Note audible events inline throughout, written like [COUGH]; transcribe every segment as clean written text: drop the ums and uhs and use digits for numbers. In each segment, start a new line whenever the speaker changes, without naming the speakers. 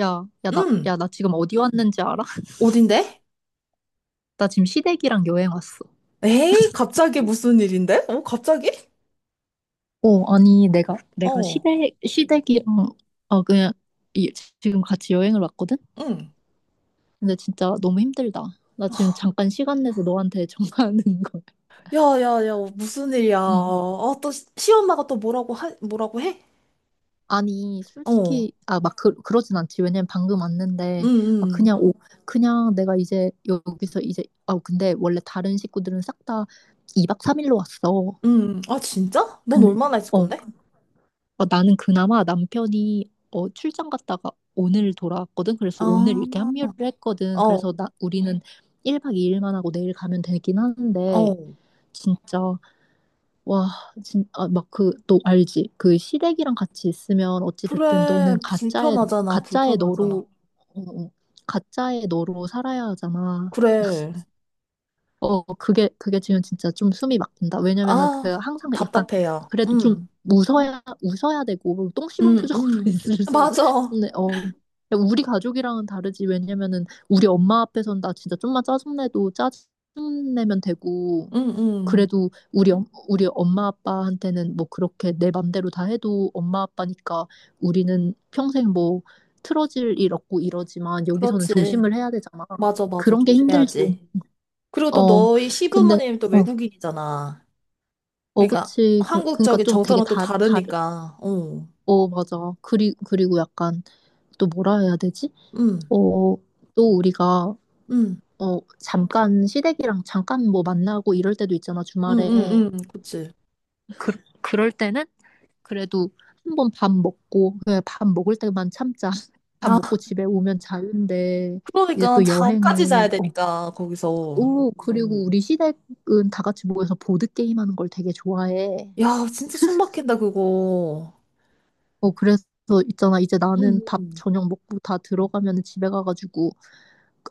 야, 야,
응.
나 지금 어디 왔는지 알아? [LAUGHS]
어딘데?
나 지금 시댁이랑 여행 왔어.
에이, 갑자기 무슨 일인데? 어, 갑자기?
아니, 내가
어,
시댁이랑, 그냥, 이, 지금 같이 여행을 왔거든?
응.
근데 진짜 너무 힘들다. 나 지금
[GASPS]
잠깐 시간 내서 너한테 [LAUGHS] 전화하는 거야.
야, 야, 야, 무슨 일이야.
응.
아, 또 시엄마가 또 뭐라고 해?
아니,
어,
솔직히, 막, 그러진 않지. 왜냐면 방금
응,
왔는데,
응,
그냥, 그냥 내가 이제 여기서 이제, 근데 원래 다른 식구들은 싹 다 2박 3일로 왔어.
응. 아, 진짜? 넌
근,
얼마나 있을
어,
건데?
나는 그나마 남편이 출장 갔다가 오늘 돌아왔거든. 그래서 오늘 이렇게
아,
합류를 했거든.
어,
그래서 우리는 1박 2일만 하고 내일 가면 되긴 하는데,
어.
진짜, 와, 막 그, 너 알지? 그 시댁이랑 같이 있으면 어찌됐든
그래,
너는 가짜의
불편하잖아.
너로, 어, 어, 가짜의 너로 살아야 하잖아.
그래.
그게 지금 진짜 좀 숨이 막힌다. 왜냐면은 그
아,
항상 약간
답답해요.
그래도 좀
응,
웃어야 되고 똥 씹은
응,
표정으로
응.
[LAUGHS] 있을 수는
맞아.
없는데, 우리 가족이랑은 다르지. 왜냐면은 우리 엄마 앞에선 나 진짜 좀만 짜증내도 짜증내면 되고,
응, 응.
그래도 우리 엄마 아빠한테는 뭐 그렇게 내 맘대로 다 해도 엄마 아빠니까 우리는 평생 뭐 틀어질 일 없고 이러지만 여기서는
그렇지.
조심을 해야 되잖아.
맞아.
그런 게 힘들지.
조심해야지. 그리고 또
어,
너희
근데,
시부모님 또
어,
외국인이잖아. 그러니까
그치. 그니까
한국적인
좀 되게
정서랑 또 다르니까. 어.
맞아. 그리고 약간 또 뭐라 해야 되지?
응.
어, 또 우리가,
응.
잠깐 시댁이랑 잠깐 뭐 만나고 이럴 때도 있잖아,
응.
주말에.
응. 응. 그치.
그, 그럴 때는 그래도 한 번 밥 먹고, 그냥 밥 먹을 때만 참자. [LAUGHS] 밥 먹고
아,
집에 오면 자는데, 이제
그러니까
또
잠까지 자야
여행을,
되니까 거기서.
그리고 우리 시댁은 다 같이 모여서 보드게임 하는 걸 되게 좋아해.
야, 진짜 숨 막힌다 그거.
그래서 있잖아. 이제
응.
나는 밥
응.
저녁 먹고 다 들어가면 집에 가가지고,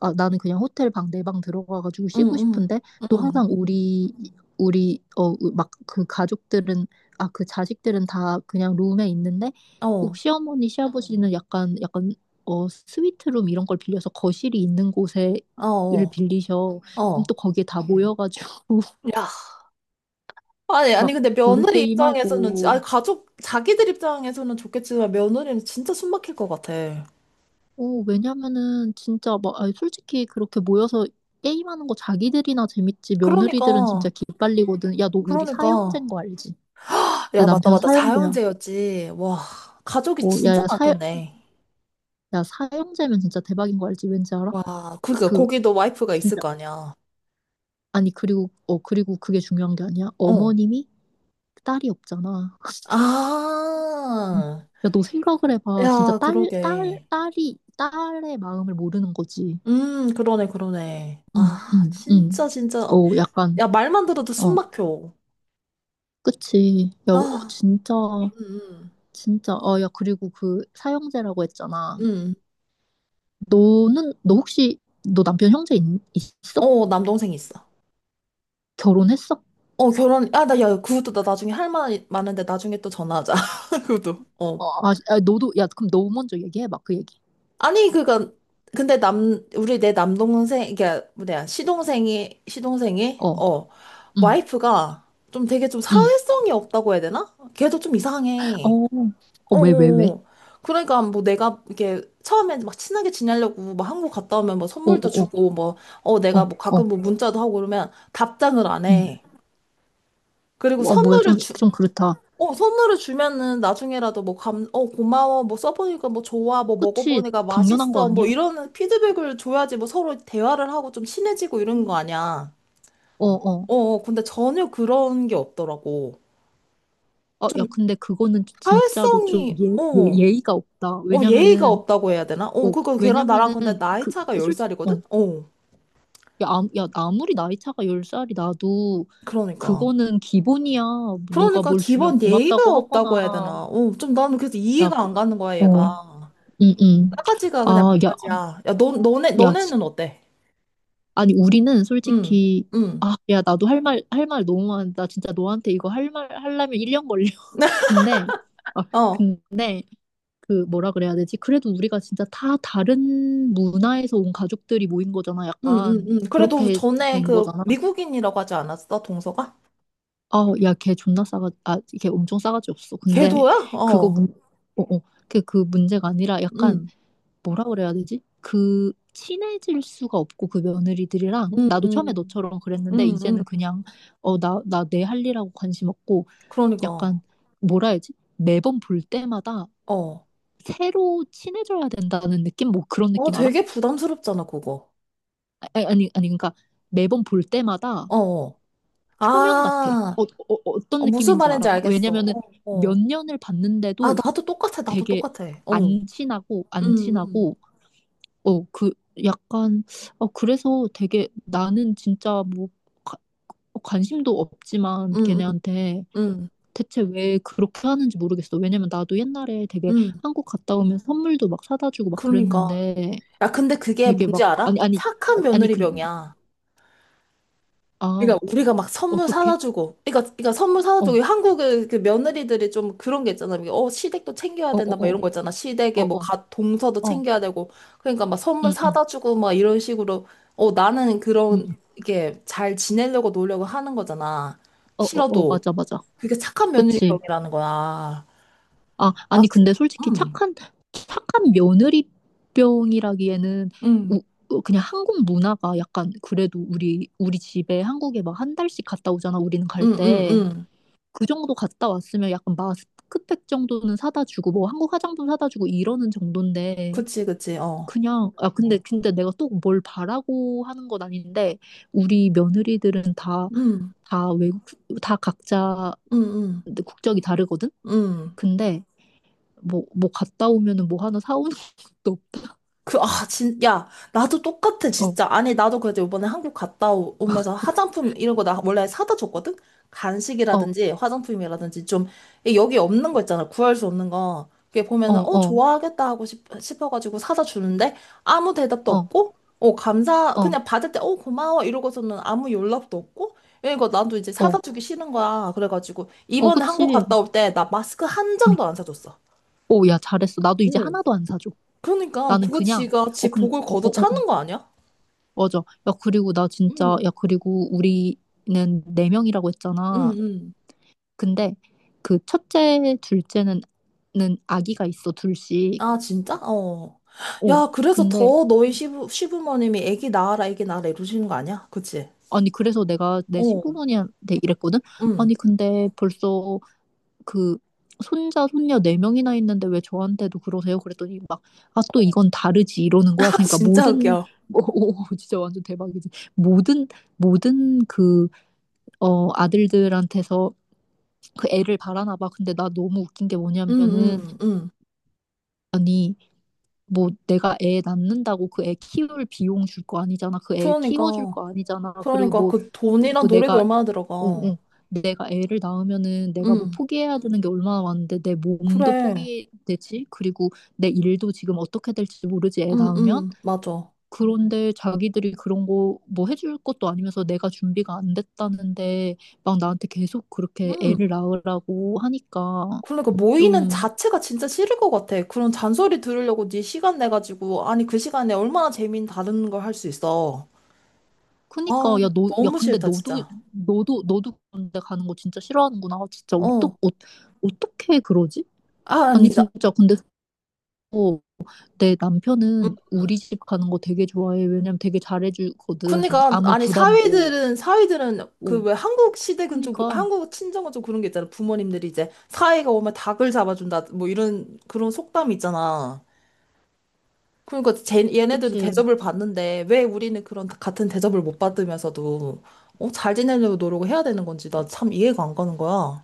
나는 그냥 호텔 방, 내 방 들어가가지고
응.
쉬고
응.
싶은데, 또
응.
항상 우리, 막 그 가족들은, 그 자식들은 다 그냥 룸에 있는데, 꼭
어.
시어머니, 시아버지는 약간, 스위트룸 이런 걸 빌려서 거실이 있는 곳에,
어.
를
어.
빌리셔. 그럼
어.
또 거기에 다 모여가지고, [LAUGHS]
야. 아니, 아니
막,
근데 며느리 입장에서는
보드게임하고,
아 가족 자기들 입장에서는 좋겠지만 며느리는 진짜 숨 막힐 것 같아.
왜냐면은 진짜 막 아니, 솔직히 그렇게 모여서 게임하는 거 자기들이나 재밌지 며느리들은 진짜
그러니까.
기빨리거든. 야, 너 우리
그러니까.
사형제인 거 알지? 내
야,
남편
맞다. 자영
사형제야.
제였지 와, 가족이
어, 야,
진짜
야, 사,
많겠네.
야, 사형제면 진짜 대박인 거 알지? 왠지 알아?
와, 그러니까
그
거기도 와이프가 있을
진짜,
거 아니야.
아니, 그리고 그게 중요한 게 아니야.
어.
어머님이 딸이 없잖아. [LAUGHS]
아,
야, 너 생각을 해봐. 진짜
야, 그러게.
딸이 딸의 마음을 모르는 거지.
그러네. 아,
응, 응, 응.
진짜.
약간.
야, 말만 들어도 숨
어,
막혀.
그치. 야,
아,
진짜,
음,
진짜. 야, 그리고 그 사형제라고 했잖아.
음, 음.
너는, 너 혹시, 너 남편 형제 있어?
어, 남동생 있어.
결혼했어?
어, 아, 야, 그것도 나 나중에 할 말 많은데 나중에 또 전화하자. [LAUGHS] 그것도. 어.
너도, 야, 그럼 너 먼저 얘기해봐, 그 얘기.
아니 그니까 근데 남 우리 내 남동생 이게 뭐냐 시동생이
어,
어
응,
와이프가 좀 되게 좀
응.
사회성이 없다고 해야 되나? 걔도 좀
어,
이상해.
어,
어.
왜, 왜, 왜?
어. 어. 그러니까 뭐 내가 이렇게 처음에 막 친하게 지내려고 막 한국 갔다 오면 뭐
어,
선물도
어, 어,
주고 뭐 어
어,
내가 뭐
어,
가끔 뭐 문자도 하고 그러면 답장을 안
응.
해. 그리고
와, 뭐야,
선물을 주,
좀 그렇다.
어, 선물을 주면은 나중에라도 어, 고마워, 뭐 써보니까 뭐 좋아, 뭐
그치.
먹어보니까
당연한 거
맛있어, 뭐
아니야?
이런 피드백을 줘야지 뭐 서로 대화를 하고 좀 친해지고 이런 거 아니야.
어, 어.
어, 어, 근데 전혀 그런 게 없더라고. 좀
야, 근데 그거는 진짜로 좀
어,
예,
어,
예의가 없다.
예의가 없다고 해야 되나? 어,
어,
그거 걔랑 나랑
왜냐면은,
근데 나이
그,
차가
솔직히,
10살이거든? 어,
야, 야, 아무리 나이 차가 10살이 나도
그러니까.
그거는 기본이야. 누가
그러니까
뭘 주면
기본 예의가
고맙다고
없다고 해야
하거나.
되나? 어, 좀 나는 그래서
야,
이해가 안 가는 거야,
어,
얘가.
응, 응.
싸가지가 그냥
아, 야,
바가지야. 야,
어, 야, 지-
너네는 어때?
아니, 우리는
응,
솔직히,
응.
야, 나도 할 말 너무 많다. 진짜 너한테 이거 할 말, 하려면 1년 걸려. [LAUGHS]
[LAUGHS]
근데, 아,
어,
근데, 뭐라 그래야 되지? 그래도 우리가 진짜 다 다른 문화에서 온 가족들이 모인 거잖아.
응, 응,
약간,
응. 그래도
그렇게
전에
된
그
거잖아.
미국인이라고 하지 않았어, 동서가?
야, 걔 존나 걔 엄청 싸가지 없어. 근데
걔도야?
그거
어,
문, 어, 어, 그, 그 문제가 아니라 약간
응,
뭐라 그래야 되지? 그 친해질 수가 없고 그 며느리들이랑
응,
나도 처음에
응,
너처럼 그랬는데
응,
이제는
응.
그냥 나 내 할 일하고 관심 없고
그러니까,
약간 뭐라 해야지? 매번 볼 때마다
어.
새로 친해져야 된다는 느낌? 뭐 그런
어,
느낌 알아?
되게 부담스럽잖아, 그거.
아니, 아니, 아니, 그러니까 매번 볼 때마다
어. 어.
초면 같아.
아,
어떤
어, 무슨
느낌인지
말인지
알아?
알겠어.
왜냐면은
어,
몇
어.
년을
아,
봤는데도
나도
되게
똑같아. 어. 응,
안 친하고 안
응,
친하고 어 그 약간, 그래서 되게 나는 진짜 뭐 가- 관심도 없지만
응, 응,
걔네한테
응.
대체 왜 그렇게 하는지 모르겠어. 왜냐면 나도 옛날에 되게
응.
한국 갔다 오면 선물도 막 사다 주고 막
그러니까.
그랬는데
야, 근데 그게
되게
뭔지
막
알아?
아니, 아니,
착한
아니,
며느리병이야.
그
그러니까
아
우리가 막 선물
어떻게?
사다 주고, 그러니까, 그러니까 선물 사다 주고
어,
한국의 그 며느리들이 좀 그런 게 있잖아. 이게 어 시댁도 챙겨야
어, 어,
된다 막
어,
이런 거 있잖아.
어,
시댁에
어,
동서도
어,
챙겨야 되고, 그러니까 막 선물
응, 응,
사다 주고 막 이런 식으로 어 나는 그런
응,
이게 잘 지내려고 노력을 하는 거잖아.
어, 어, 어,
싫어도
맞아, 맞아.
그게 착한
그치?
며느리병이라는 거야. 아,
아니,
그,
근데 솔직히
음,
착한 며느리병이라기에는
음,
우- 그냥 한국 문화가 약간 그래도 우리 집에 한국에 막 한 달씩 갔다 오잖아, 우리는 갈
음, 음,
때.
음,
그 정도 갔다 왔으면 약간 마스크팩 정도는 사다 주고, 뭐 한국 화장품 사다 주고 이러는 정도인데.
그치, 어,
그냥, 근데 내가 또 뭘 바라고 하는 건 아닌데, 우리 며느리들은
음,
다 외국, 다 각자
음, 음,
국적이 다르거든?
음.
근데 뭐 갔다 오면은 뭐 하나 사오는 [LAUGHS] 것도 없다.
야, 나도 똑같아,
어,
진짜. 아니, 나도 그래도 이번에 한국 오면서 화장품 이런 거 나 원래 사다 줬거든?
어,
간식이라든지 화장품이라든지 좀, 이 여기 없는 거 있잖아. 구할 수 없는 거. 그게
어,
보면은, 어,
어,
좋아하겠다 싶어가지고 사다 주는데 아무 대답도
어,
없고, 어,
어,
그냥 받을 때, 어, 고마워. 이러고서는 아무 연락도 없고, 이거 나도 이제
어,
사다 주기 싫은 거야. 그래가지고,
어,
이번에 한국
그치.
갔다 올 때 나 마스크 한
응.
장도 안 사줬어.
오, 야, 잘했어. 나도 이제 하나도 안 사줘.
그러니까
나는
그거
그냥,
지가
어,
지
근,
복을
어, 어,
걷어
어, 어,
차는 거 아니야?
맞아. 야, 그리고 나
응
진짜, 야, 그리고 우리는 네 명이라고
응,
했잖아.
응.
근데 그 첫째, 둘째는, 는 아기가 있어, 둘씩.
아, 진짜? 어.
어,
야, 그래서
근데,
더 너희 시부모님이 애기 낳아라, 애기 낳아라 이러시는 거 아니야? 그치?
아니, 그래서 내가 내
어.
시부모님한테 이랬거든?
응.
아니, 근데 벌써 그 손자 손녀 네 명이나 있는데 왜 저한테도 그러세요? 그랬더니 막 또 이건 다르지 이러는
[LAUGHS]
거야.
아,
그러니까
진짜
모든
웃겨.
[LAUGHS] 오, 진짜 완전 대박이지. 모든 모든 아들들한테서 그 애를 바라나 봐. 근데 나 너무 웃긴 게
응,
뭐냐면은
응, 응.
아니 뭐 내가 애 낳는다고 그 애 키울 비용 줄 거 아니잖아. 그 애 키워줄
그러니까.
거 아니잖아. 그리고
그러니까
뭐
그 돈이랑
그
노력이
내가
얼마나
어,
들어가.
어. 내가 애를 낳으면은 내가 뭐
응.
포기해야 되는 게 얼마나 많은데 내 몸도
그래.
포기되지? 그리고 내 일도 지금 어떻게 될지 모르지, 애
응,
낳으면?
응. 맞아.
그런데 자기들이 그런 거 뭐 해줄 것도 아니면서 내가 준비가 안 됐다는데 막 나한테 계속 그렇게
응.
애를 낳으라고 하니까
그러니까 모이는
좀,
자체가 진짜 싫을 것 같아. 그런 잔소리 들으려고 네 시간 내가지고, 아니, 그 시간에 얼마나 재미있는 다른 걸 할 수 있어. 아,
크니까 야,
너무
근데
싫다, 진짜.
너도 그런데 가는 거 진짜 싫어하는구나. 진짜
어.
어떻게 그러지?
아,
아니,
아니다.
진짜 근데 내 남편은
음.
우리 집 가는 거 되게 좋아해. 왜냐면 되게 잘해주거든.
그러니까,
아무
아니,
부담 뭐.
사위들은, 그,
오,
왜, 한국 시댁은 좀,
그니까.
한국 친정은 좀 그런 게 있잖아. 부모님들이 이제, 사위가 오면 닭을 잡아준다, 뭐, 이런, 그런 속담이 있잖아. 그러니까, 쟤, 얘네들도
그치.
대접을 받는데, 왜 우리는 그런, 같은 대접을 못 받으면서도, 어, 잘 지내려고 노력을 해야 되는 건지, 나 참 이해가 안 가는 거야.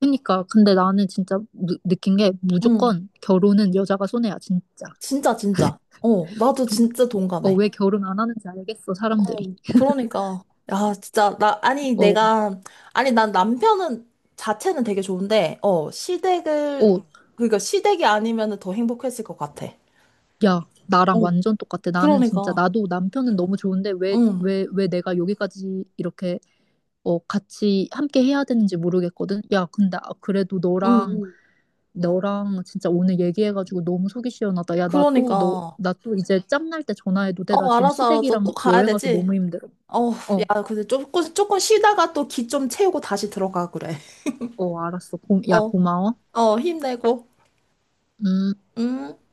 그니까. 근데 나는 진짜 느낀 게
응,
무조건 결혼은 여자가 손해야, 진짜.
진짜. 어, 나도 진짜
어,
동감해.
왜 결혼 안 하는지 알겠어, 사람들이.
그러니까 야 진짜 나 아니
어,
내가 아니 난 남편은 자체는 되게 좋은데 어 시댁을
어,
그러니까 시댁이 아니면은 더 행복했을 것 같아.
야, 나랑
어
완전 똑같아. 나는 진짜,
그러니까
나도 남편은 너무 좋은데, 왜,
응 응
왜, 왜 내가 여기까지 같이 함께 해야 되는지 모르겠거든. 야, 근데 그래도
응
너랑 진짜 오늘 얘기해가지고 너무 속이 시원하다. 야,
그러니까
나 또 이제 짬날 때 전화해도 돼. 나
어
지금
알았어
시댁이랑
또 가야
여행 가서
되지.
너무 힘들어.
어
어,
야 근데 조금 쉬다가 또 기 좀 채우고 다시 들어가 그래.
어, 알았어.
어
야, 고마워.
어 힘내고
음.
음.